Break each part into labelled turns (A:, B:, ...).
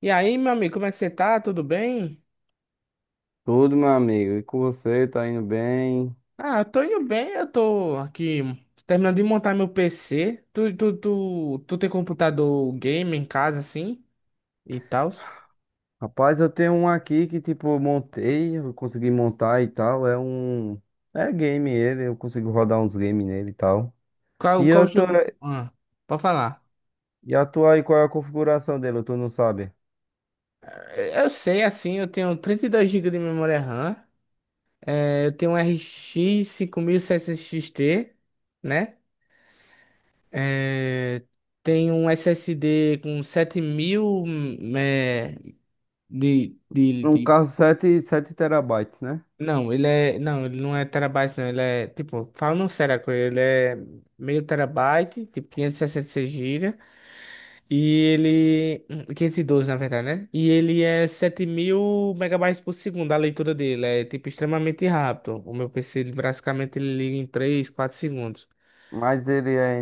A: E aí, meu amigo, como é que você tá? Tudo bem?
B: Tudo, meu amigo. E com você, tá indo bem?
A: Ah, eu tô indo bem, eu tô aqui terminando de montar meu PC. Tu tem computador game em casa, assim, e tal?
B: Rapaz, eu tenho um aqui que, tipo, eu montei, eu consegui montar e tal. É um. É game ele, eu consigo rodar uns games nele e tal. E
A: Qual
B: eu tô.
A: jogo? Ah, pode falar.
B: E a tua aí, qual é a configuração dele? Tu não sabe?
A: Eu sei, assim, eu tenho 32 gigas de memória RAM, eu tenho um RX 5600 XT, né? Eh, Tenho um SSD com 7000, eh,
B: Um
A: de
B: caso 7 7 terabytes, né?
A: Não, ele é. Não, ele não é terabyte, não. Ele é. Tipo, falando sério, a coisa, ele é meio terabyte, tipo 566 GB. E seis gigas. E ele, 512, na verdade, né? E ele é 7000 megabytes por segundo, a leitura dele. É, tipo, extremamente rápido. O meu PC, ele, basicamente, ele liga em 3, 4 segundos.
B: Mas ele é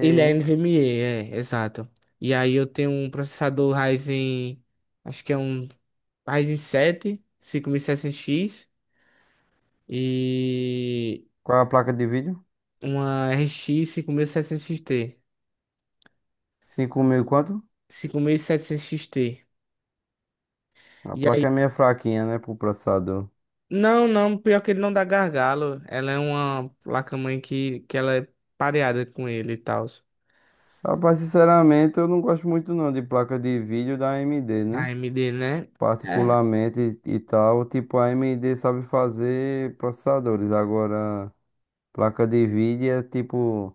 A: Ele é NVMe, é, exato. E aí eu tenho um processador Ryzen. Acho que é um Ryzen 7, setecentos x. E
B: Qual é a placa de vídeo?
A: uma RX 5600 XT.
B: 5.000 e quanto?
A: 5700 XT. E setecentos X T.
B: A
A: E
B: placa é
A: aí,
B: meio fraquinha, né, pro processador.
A: não, não, pior que ele não dá gargalo. Ela é uma placa-mãe que ela é pareada com ele e tal.
B: Rapaz, sinceramente, eu não gosto muito não de placa de vídeo da AMD,
A: Da
B: né?
A: AMD, né? É,
B: Particularmente e tal, tipo a AMD sabe fazer processadores, agora placa de vídeo é tipo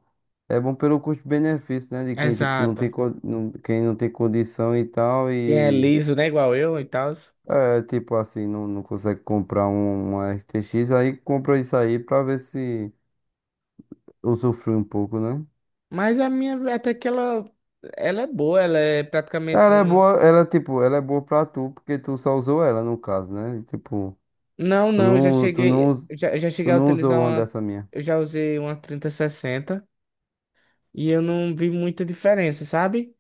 B: é bom pelo custo-benefício, né, de quem tipo
A: exato.
B: não, quem não tem condição e tal
A: Quem é
B: e
A: liso, né? Igual eu e tal.
B: é tipo assim, não, não consegue comprar uma RTX, aí compra isso aí pra ver se usufrui um pouco, né?
A: Mas a minha, até que ela, é boa, ela é praticamente
B: Ela é
A: uma.
B: boa, ela tipo, ela é boa pra tu, porque tu só usou ela no caso, né? Tipo,
A: Não,
B: tu
A: não, eu já
B: não, tu não,
A: cheguei,
B: us-
A: já cheguei
B: tu
A: a
B: não
A: utilizar
B: usou uma
A: uma.
B: dessa minha.
A: Eu já usei uma 3060 e eu não vi muita diferença, sabe?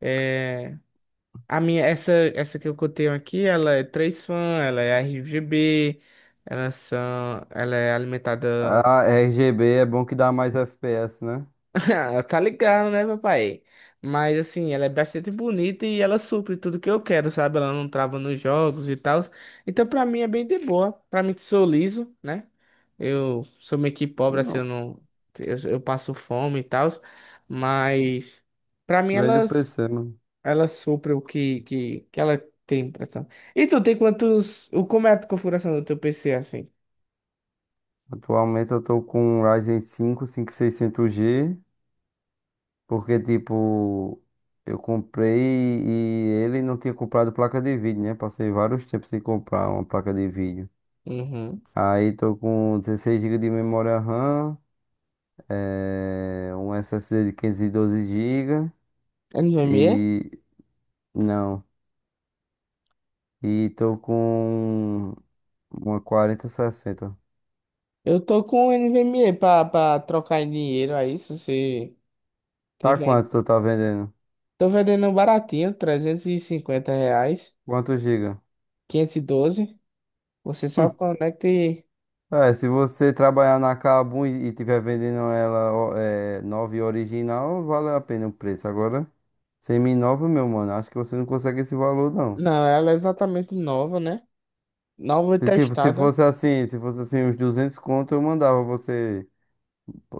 A: É, a minha, essa que eu tenho aqui, ela é três fan, ela é RGB, ela, são, ela é alimentada.
B: Ah, RGB é bom que dá mais FPS, né?
A: Tá ligado, né, papai? Mas assim, ela é bastante bonita e ela supre tudo que eu quero, sabe? Ela não trava nos jogos e tal. Então, pra mim, é bem de boa. Pra mim, que sou liso, né? Eu sou meio que pobre, assim, eu
B: Não.
A: não. Eu passo fome e tal. Mas, pra mim,
B: Vende o
A: elas.
B: PC, mano.
A: Ela sopra o que, que ela tem pra tá. E tu tem quantos. Como é a configuração do teu PC assim?
B: Atualmente eu tô com um Ryzen 5 5600G, porque, tipo, eu comprei e ele não tinha comprado placa de vídeo, né? Passei vários tempos sem comprar uma placa de vídeo.
A: Uhum.
B: Aí tô com 16 GB de memória RAM, um SSD de 512 GB
A: NVMe?
B: e... não. E tô com uma 4060.
A: Eu tô com NVMe pra trocar em dinheiro aí, se você
B: Tá
A: tiver.
B: quanto tu tá vendendo?
A: Tô vendendo um baratinho, R$ 350,
B: Quantos giga?
A: 512. Você só conecta e.
B: É, se você trabalhar na Kabum e tiver vendendo ela ó, é, nova e original, vale a pena o preço. Agora, semi-nova, meu mano, acho que você não consegue esse valor, não.
A: Não, ela é exatamente nova, né? Nova e
B: Se, tipo,
A: testada.
B: se fosse assim, uns 200 conto, eu mandava você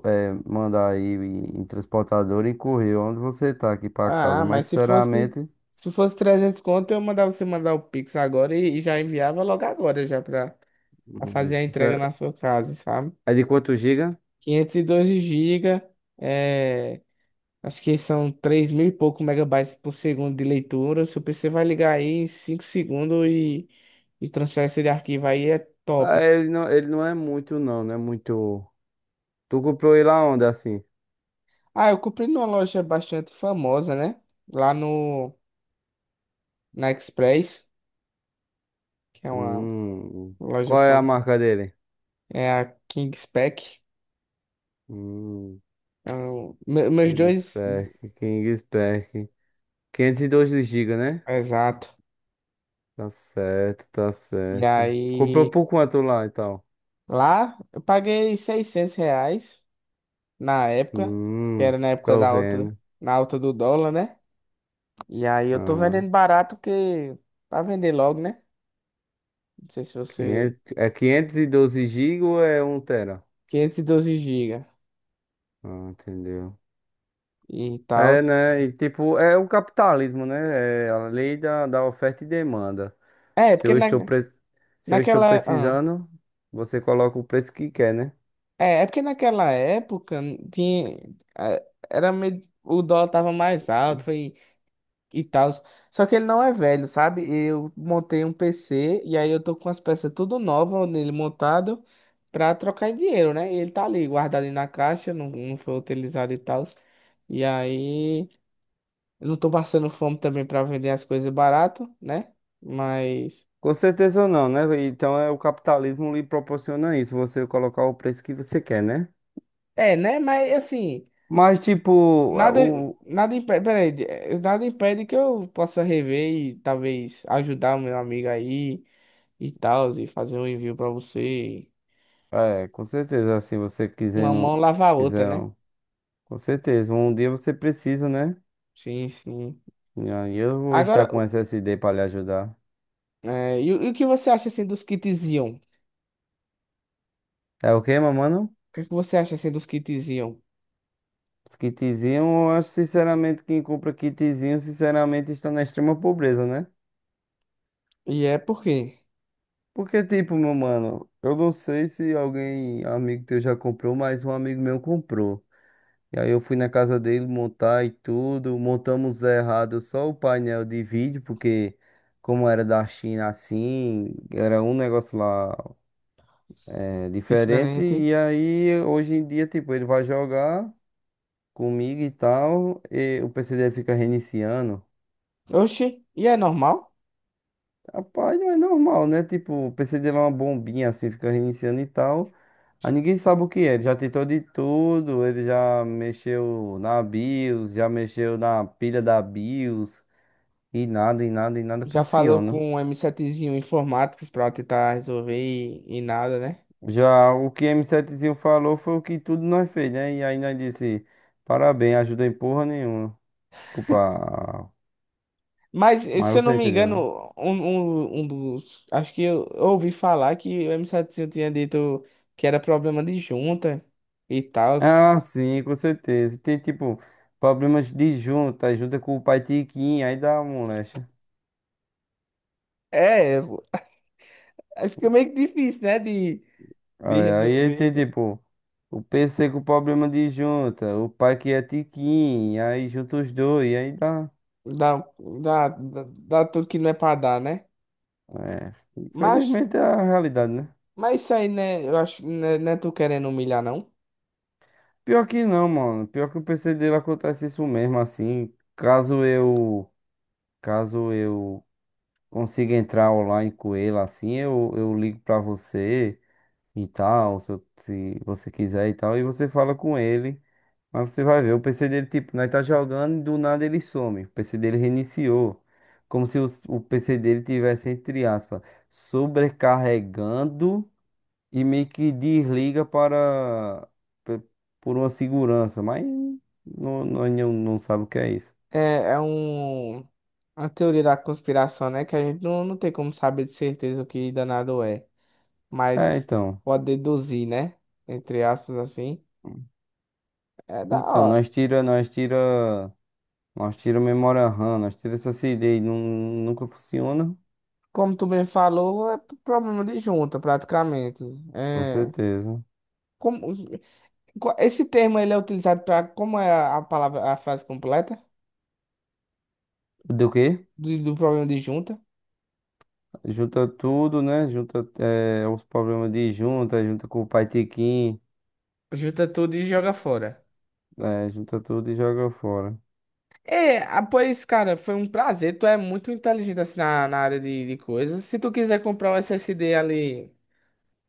B: é, mandar aí em transportador e correr onde você tá aqui pra casa.
A: Ah,
B: Mas,
A: mas se fosse.
B: sinceramente,
A: Se fosse 300 conto, eu mandava você mandar o Pix agora e já enviava logo agora já pra. Pra
B: hum, é
A: fazer a entrega na
B: sincer-
A: sua casa, sabe?
B: é de quanto giga?
A: 512 GB, é, acho que são 3000 e pouco megabytes por segundo de leitura. Seu PC vai ligar aí em 5 segundos e transferência de arquivo aí é
B: Ah,
A: top.
B: ele não é muito, não, não é muito... Tu comprou ele aonde, assim?
A: Ah, eu comprei numa loja bastante famosa, né? Lá no, na Express, que é uma
B: Hum.
A: loja
B: Qual é a
A: famosa,
B: marca dele?
A: é a Kingspec.
B: Hum.
A: Meus dois,
B: Kingspack, Kingspack. 512 GB, né?
A: exato.
B: Tá certo, tá
A: E
B: certo. Comprou
A: aí,
B: por quanto lá e tal?
A: lá eu paguei R$ 600 na época, que
B: Hum,
A: era na época
B: tô
A: da alta,
B: vendo.
A: na alta do dólar, né? E aí eu tô
B: Aham.
A: vendendo barato que pra vender logo, né? Não sei se você
B: Quinhentos, é 512 GB ou é um tera?
A: 512 GB
B: Ah, entendeu.
A: e tal.
B: É, né? E tipo, é o capitalismo, né? É a lei da oferta e demanda.
A: É
B: Se
A: porque
B: eu estou, pre... Se eu estou
A: naquela,
B: precisando, você coloca o preço que quer, né?
A: é porque naquela época tinha, é, era meio, o dólar tava mais alto, foi e tal. Só que ele não é velho, sabe? Eu montei um PC e aí eu tô com as peças tudo nova nele montado pra trocar em dinheiro, né? E ele tá ali guardado ali na caixa, não, não foi utilizado e tal. E aí eu não tô passando fome também pra vender as coisas barato, né? Mas
B: Com certeza não, né? Então é o capitalismo lhe proporciona isso, você colocar o preço que você quer, né?
A: é, né? Mas assim,
B: Mas tipo, a-
A: nada
B: o
A: nada impede, peraí, nada impede que eu possa rever e talvez ajudar o meu amigo aí. E tal, e fazer um envio pra você.
B: é, com certeza, assim,
A: Uma mão lava a outra,
B: quiser,
A: né?
B: com certeza, um dia você precisa, né?
A: Sim, sim.
B: E aí eu vou
A: Agora,
B: estar com SSD para lhe ajudar.
A: é, e o que você acha assim dos kits Ion? O
B: É o quê, meu mano?
A: que é que você acha assim dos kits Ion?
B: Os kitzinhos, eu acho sinceramente quem compra kitzinho, sinceramente, está na extrema pobreza, né?
A: E é por quê?
B: Porque, tipo, meu mano, eu não sei se alguém, amigo teu já comprou, mas um amigo meu comprou. E aí eu fui na casa dele montar e tudo. Montamos errado só o painel de vídeo, porque como era da China assim, era um negócio lá é, diferente.
A: Diferente.
B: E aí hoje em dia, tipo, ele vai jogar comigo e tal, e o PC dele fica reiniciando.
A: Oxi, e é normal?
B: Rapaz, não é normal, né? Tipo, o PC dele é uma bombinha assim, fica reiniciando e tal. Aí ninguém sabe o que é. Ele já tentou de tudo, ele já mexeu na BIOS, já mexeu na pilha da BIOS. E nada
A: Já falou
B: funciona.
A: com um m setezinho zinho informáticos pra tentar resolver e nada, né?
B: Já o que m Setezinho falou foi o que tudo nós fez, né? E aí nós disse, parabéns, ajuda em porra nenhuma. Desculpa,
A: Mas, se eu
B: mas
A: não
B: você
A: me
B: entendeu, né?
A: engano, um dos. Acho que eu ouvi falar que o m setezinho tinha dito que era problema de junta e tal.
B: Ah, sim, com certeza. Tem, tipo, problemas de junta, junta com o pai Tiquinho, aí dá uma moléstia.
A: É, eu- aí fica meio que difícil, né? De
B: Aí ele tem,
A: resolver,
B: tipo, o PC com problema de junta, o pai que é Tiquinho, aí junta os dois, aí dá...
A: dar, dar, dar, dar tudo que não é pra dar, né?
B: É,
A: Mas,
B: infelizmente é a realidade, né?
A: mas isso aí, né? Eu acho, né, não é tu querendo humilhar, não.
B: Pior que não, mano. Pior que o PC dele acontece isso mesmo, assim. Caso eu consiga entrar online com ele, assim, eu ligo pra você e tal, se você quiser e tal, e você fala com ele. Mas você vai ver, o PC dele, tipo, nós tá jogando e do nada ele some. O PC dele reiniciou. Como se o PC dele tivesse, entre aspas, sobrecarregando e meio que desliga para pe- por uma segurança, mas não sabe o que é isso.
A: É, é um, uma teoria da conspiração, né? Que a gente não tem como saber de certeza o que danado é. Mas
B: É, então,
A: pode deduzir, né? Entre aspas, assim. É da
B: então
A: hora.
B: nós tira, nós tira, nós tira memória RAM, nós tira essa CD, não, nunca funciona,
A: Como tu bem falou, é p- problema de junta, praticamente.
B: com
A: É.
B: certeza.
A: Como, qual- esse termo ele é utilizado para. Como é a palavra, a frase completa?
B: Do quê?
A: Do, do problema de junta.
B: Junta tudo, né? Junta os problemas de junta, junta com o Pai Tiquinho,
A: Junta tudo e joga fora.
B: junta tudo e joga fora.
A: É, ah, pois, cara, foi um prazer. Tu é muito inteligente assim na área de coisas. Se tu quiser comprar um SSD ali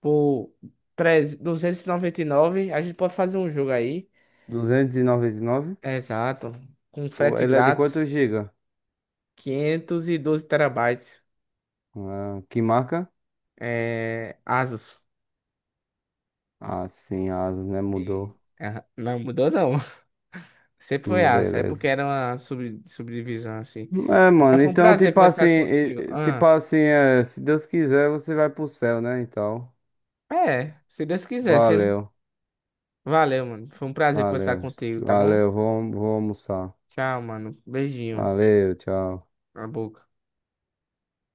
A: por treze duzentos e noventa e nove, a gente pode fazer um jogo aí.
B: 299?
A: Exato. Com frete
B: Ele é de
A: grátis,
B: quantos giga?
A: 512 terabytes.
B: Ah, que marca?
A: É, Asus.
B: Ah, sim, asas, né? Mudou.
A: É, não mudou, não. Sempre foi Asus. É porque
B: Beleza.
A: era uma sub, subdivisão assim.
B: É,
A: Mas
B: mano,
A: foi um
B: então,
A: prazer
B: tipo assim,
A: conversar contigo.
B: tipo
A: Ah,
B: assim, é, se Deus quiser, você vai pro céu, né? Então,
A: é, se Deus quiser. Se
B: valeu,
A: Valeu, mano. Foi um prazer conversar
B: valeu,
A: contigo, tá bom?
B: valeu, vou almoçar.
A: Tchau, mano. Beijinho
B: Valeu, tchau.
A: na boca.